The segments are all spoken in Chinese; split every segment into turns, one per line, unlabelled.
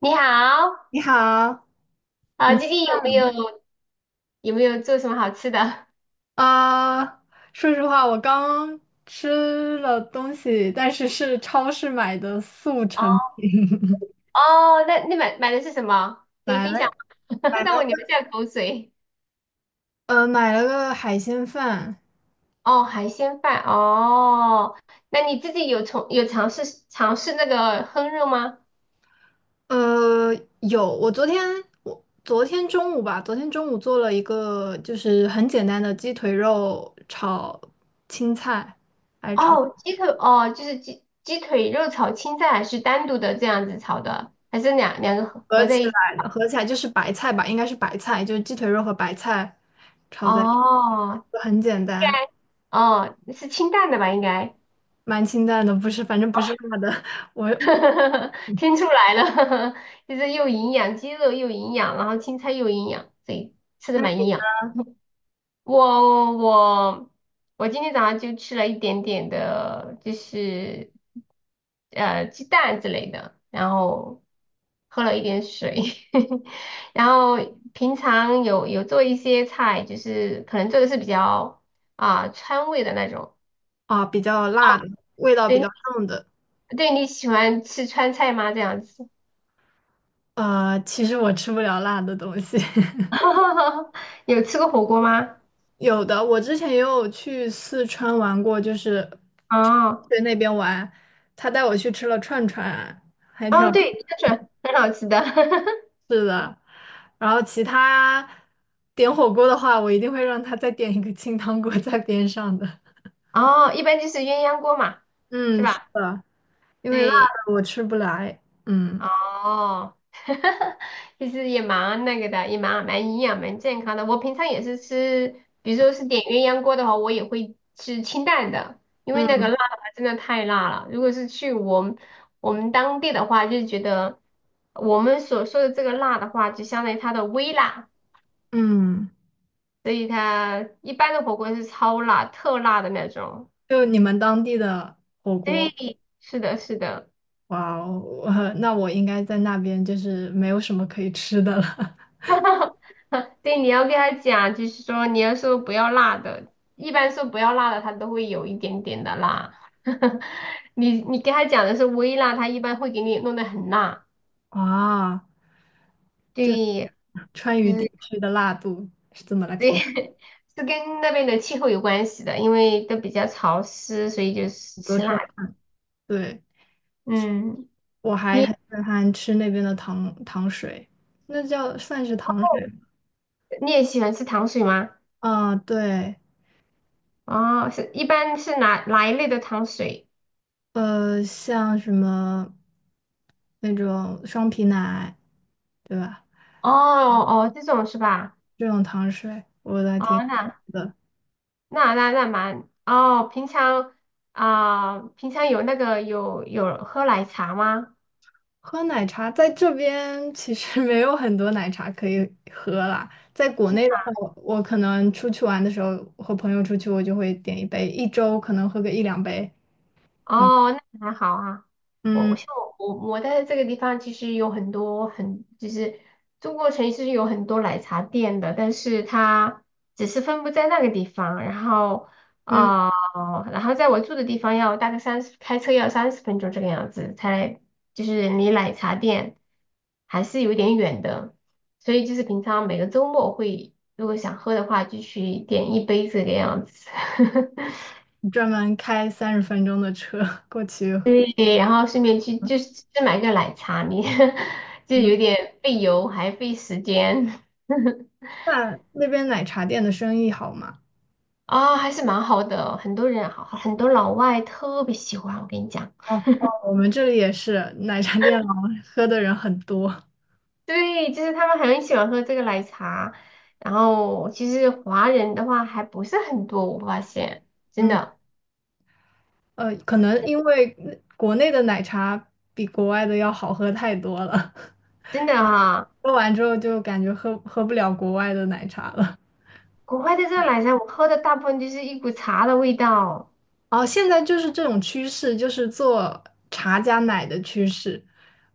你好，
你好，你
最近有没有做什么好吃的？
啊，说实话，我刚吃了东西，但是是超市买的速
哦，
成品，
哦，那你买的是什么？可以
买
分
了
享，
买
让
了
我流
个
下口水。
买了个海鲜饭，
哦，海鲜饭，哦，那你自己有从有尝试那个烹饪吗？
呃有，我昨天我昨天中午吧，昨天中午做了一个就是很简单的鸡腿肉炒青菜，
哦，鸡腿，哦，就是鸡腿肉炒青菜，还是单独的这样子炒的，还是两个合
合
合在
起
一起？
来的，合起来就是白菜吧，应该是白菜，就是鸡腿肉和白菜炒在，
哦，
就很简单。
哦，是清淡的吧，应该。
蛮清淡的，不是，反正不是辣的。我
听出来了，就是又营养，鸡肉又营养，然后青菜又营养，对，吃的
那
蛮营养。我我我今天早上就吃了一点点的，就是鸡蛋之类的，然后喝了一点水，然后平常有做一些菜，就是可能做的是比较川味的那种。
啊，比较辣的，味道比
对
较重的。
对，你喜欢吃川菜吗？这样子。
呃，其实我吃不了辣的东西。
哈哈哈，有吃过火锅吗？
有的，我之前也有去四川玩过，就是去
哦
去那边玩，他带我去吃了串串，还挺好
哦，对，香肠很好吃的。
吃的。然后其他点火锅的话，我一定会让他再点一个清汤锅在边上的。
哦，一般就是鸳鸯锅嘛，是
嗯，是
吧？
的，因为辣
对，
的我吃不来。嗯
哦，其实也蛮那个的，也蛮营养、蛮健康的。我平常也是吃，比如说是点鸳鸯锅的话，我也会吃清淡的，因为
嗯。
那个辣的话真的太辣了。如果是去我们当地的话，就觉得我们所说的这个辣的话，就相当于它的微辣。
嗯
所以它一般的火锅是超辣、特辣的那种。
就你们当地的火锅，
对，是的，是的。
哇哦，那我应该在那边就是没有什么可以吃的了。
对，你要跟他讲，就是说你要说不要辣的，一般说不要辣的，他都会有一点点的辣。你跟他讲的是微辣，他一般会给你弄得很辣。
啊，
对，
川
就
渝地
是
区的辣度是怎么来
对，
评
是跟那边的气候有关系的，因为都比较潮湿，所以就是
得
吃
出
辣
来？
的
对，
嗯，
我还
你
很震撼吃那边的糖水，那叫算是糖水吗？
你也喜欢吃糖水吗？
啊，对，
哦，是一般是哪一类的糖水？
呃，像什么那种双皮奶，对吧？
哦哦，这种是吧？
这种糖水我都还
哦，
挺喜欢
那
的。
那那那蛮哦，平常平常有那个有喝奶茶吗？
喝奶茶在这边其实 没有很多奶茶可以喝啦。在国内的话，我可能出去玩的时候，和朋友出去，我就会点一杯，一周可能喝个一两杯。嗯
哦，那还好啊。我我
嗯
像我我在这个地方，其实有很多就是中国城是有很多奶茶店的，但是它只是分布在那个地方，然后
嗯，
然后在我住的地方要大概三十，开车要30分钟这个样子，就是离奶茶店还是有点远的，所以就是平常每个周末会，如果想喝的话，就去点一杯这个样子。
专门开30分钟的车 过去。
对，然后顺便去就是去买个奶茶，你 就
嗯，
有点费油还费时间
那那边奶茶店的生意好吗？
还是蛮好的。很多人好，很多老外特别喜欢，我跟你讲，
哦哦，我们这里也是奶茶店老喝的人很多。
对，就是他们很喜欢喝这个奶茶。然后其实华人的话还不是很多，我发现真
嗯
的
呃，可能因为国内的奶茶比国外的要好喝太多了。
真的，
喝完之后就感觉喝不了国外的奶茶了。
国外的这个奶茶我喝的大部分就是一股茶的味道，
哦，现在就是这种趋势，就是做茶加奶的趋势，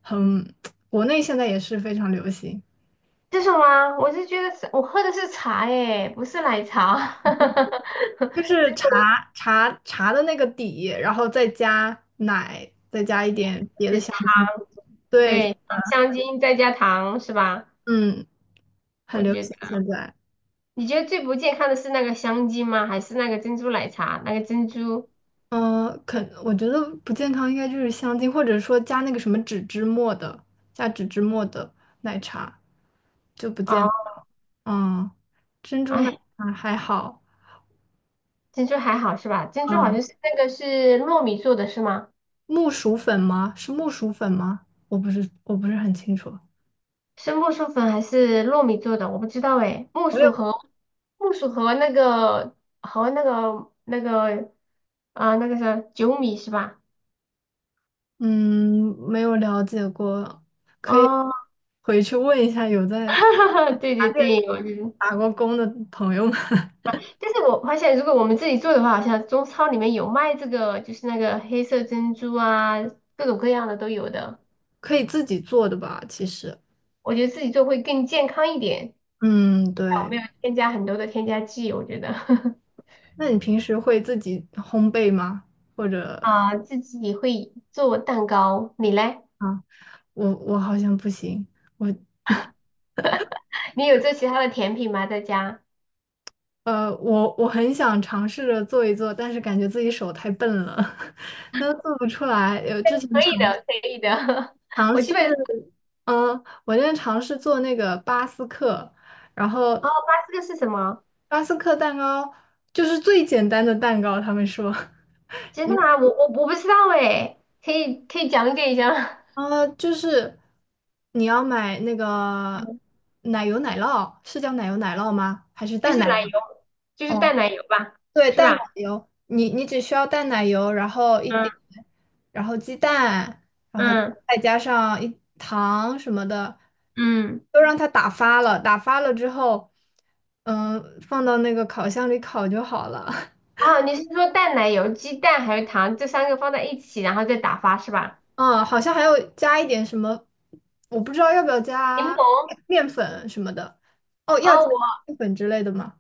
很，国内现在也是非常流行，
这什么？我是觉得是我喝的是茶哎，不是奶茶。
就是
真
茶的那个底，然后再加奶，再加一点别的
是
香
糖，
精，对，
对，香精再加糖是吧？
嗯，很
我
流
觉
行
得，
现在。
你觉得最不健康的是那个香精吗？还是那个珍珠奶茶？那个珍珠
嗯，可我觉得不健康应该就是香精，或者说加那个什么脂末的，加脂脂末的奶茶就不健
哦，
康。嗯。
哎，
啊，还好。
珍珠还好是吧？珍珠好
嗯，
像是那个是糯米做的是吗？
木薯粉吗？是木薯粉吗？我不是，我不是很清楚。
是木薯粉还是糯米做的？我不知道哎，木
我也
薯
不
和木薯和那个那个那个那个是酒米是吧？
嗯，没有了解过，可以
哦，
回去问一下有在
对对对，
打过工的朋友们，
但是我发现，如果我们自己做的话，好像中超里面有卖这个，就是那个黑色珍珠啊，各种各样的都有的。
可以自己做的吧？其实，
我觉得自己做会更健康一点，
嗯，对。
没有添加很多的添加剂。我觉得
那你平时会自己烘焙吗？或者
啊，自己会做蛋糕，你嘞？
啊，我好像不行，我
你有做其他的甜品吗？在家？
呃，我很想尝试着做一做，但是感觉自己手太笨了，那做不出来。有之前。
可以
尝。
的，可以的。
尝
我基
试，
本
嗯，我现在尝试做那个巴斯克，然
哦，
后
这个是什么？
巴斯克蛋糕就是最简单的蛋糕，他们说，
真的吗？我不知道哎，可以讲解一下吗
呃，就是你要买那 个
嗯，
奶油奶酪，是叫奶油奶酪吗？还是
就
淡
是
奶
奶油，就是
哦。
淡奶油吧，
对，
是
淡奶
吧？
油，你只需要淡奶油，然后一点，
嗯
然后鸡蛋，然后
嗯。
再加上一糖什么的，
嗯，
都让它打发了。打发了之后，嗯，放到那个烤箱里烤就好了。
啊，你是说淡奶油、鸡蛋还有糖这三个放在一起，然后再打发是吧？
嗯，好像还要加一点什么，我不知道要不要
柠
加
檬，
面粉什么的。哦，要
啊，
加
我
面粉之类的吗？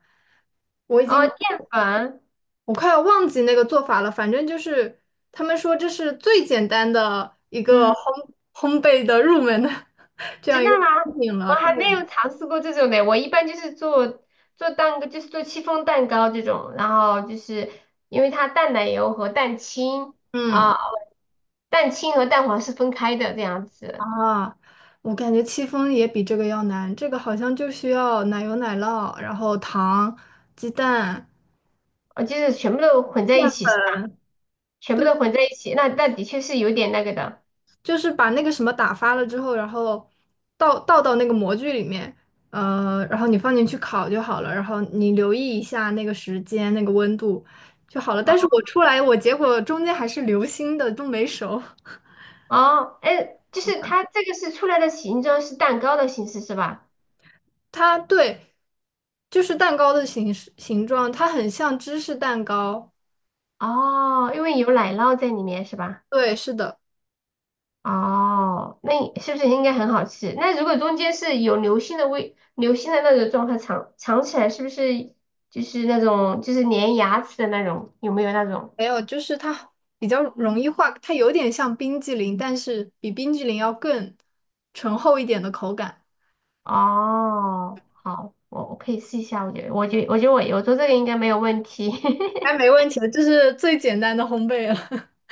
我已
哦
经。
淀粉，
我快要忘记那个做法了，反正就是他们说这是最简单的一个
嗯，
烘焙的入门的 这样
真
一
的
个产
吗？
品
我
了。对，
还没有尝试过这种的。我一般就是做蛋糕，就是做戚风蛋糕这种，然后就是因为它淡奶油和蛋清
嗯
啊、蛋清和蛋黄是分开的这样子，
啊，我感觉戚风也比这个要难，这个好像就需要奶油、奶酪，然后糖、鸡蛋。
就是全部都混在一起是吧？全部都混在一起，那那的确是有点那个的。
就是把那个什么打发了之后，然后倒到那个模具里面，呃，然后你放进去烤就好了，然后你留意一下那个时间、那个温度就好了。但是
啊。
我出来，我结果中间还是流心的，都没熟。
哦，哎，就是它这个是出来的形状是蛋糕的形式是吧？
它对，就是蛋糕的形状，它很像芝士蛋糕。
哦，因为有奶酪在里面是吧？
对，是的，
哦，那你是不是应该很好吃？那如果中间是有流心的味，流心的那种状态尝起来是不是就是那种就是粘牙齿的那种？有没有那种？
还有就是它比较容易化，它有点像冰激凌，但是比冰激凌要更醇厚一点的口感。
哦，好，我可以试一下，我觉得我做这个应该没有问题，
哎，没 问题的，这是最简单的烘焙了。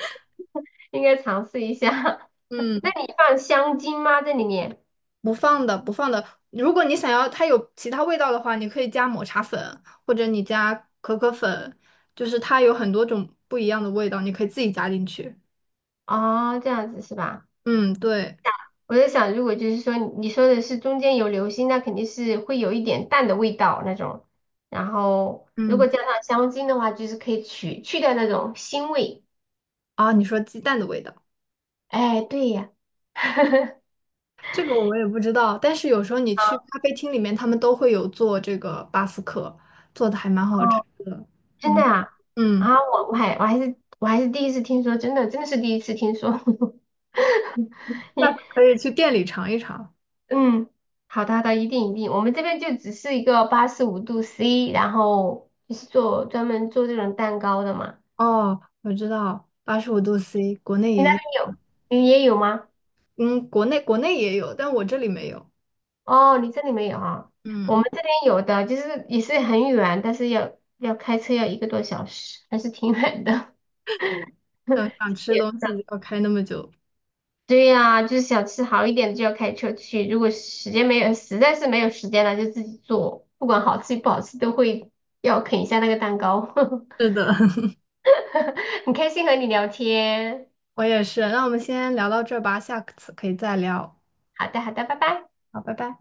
应该尝试一下。那
嗯，
你放香精吗？在里面？
不放的，不放的。如果你想要它有其他味道的话，你可以加抹茶粉，或者你加可可粉，就是它有很多种不一样的味道，你可以自己加进去。
哦，这样子是吧？
嗯，对，
我在想，如果就是说你说的是中间有流心，那肯定是会有一点淡的味道那种。然后如果
嗯，
加上香精的话，就是可以去掉那种腥味。
啊，你说鸡蛋的味道，
哎，对呀，
这个我也不知道，但是有时候你去
啊
咖啡厅里面，他们都会有做这个巴斯克，做的还蛮好吃
哦，
的。
真的
嗯
啊，
嗯，
我还是第一次听说，真的是第一次听说。你
下次可以去店里尝一尝。
嗯，好的好的，一定一定，我们这边就只是一个85度C，然后就是做专门做这种蛋糕的嘛。
哦，我知道，85度C，国内
你那
也，
边有，你也有吗？
嗯，国内也有，但我这里没有。
哦，你这里没有啊？我们
嗯，
这边有的，就是也是很远，但是要开车要一个多小时，还是挺远的。
想想吃东西要开那么久。
对呀，就是想吃好一点的就要开车去，如果时间没有，实在是没有时间了，就自己做，不管好吃不好吃都会要啃一下那个蛋糕。
是的，
很开心和你聊天，
我也是。那我们先聊到这儿吧，下次可以再聊。
好的好的，拜拜。
好，拜拜。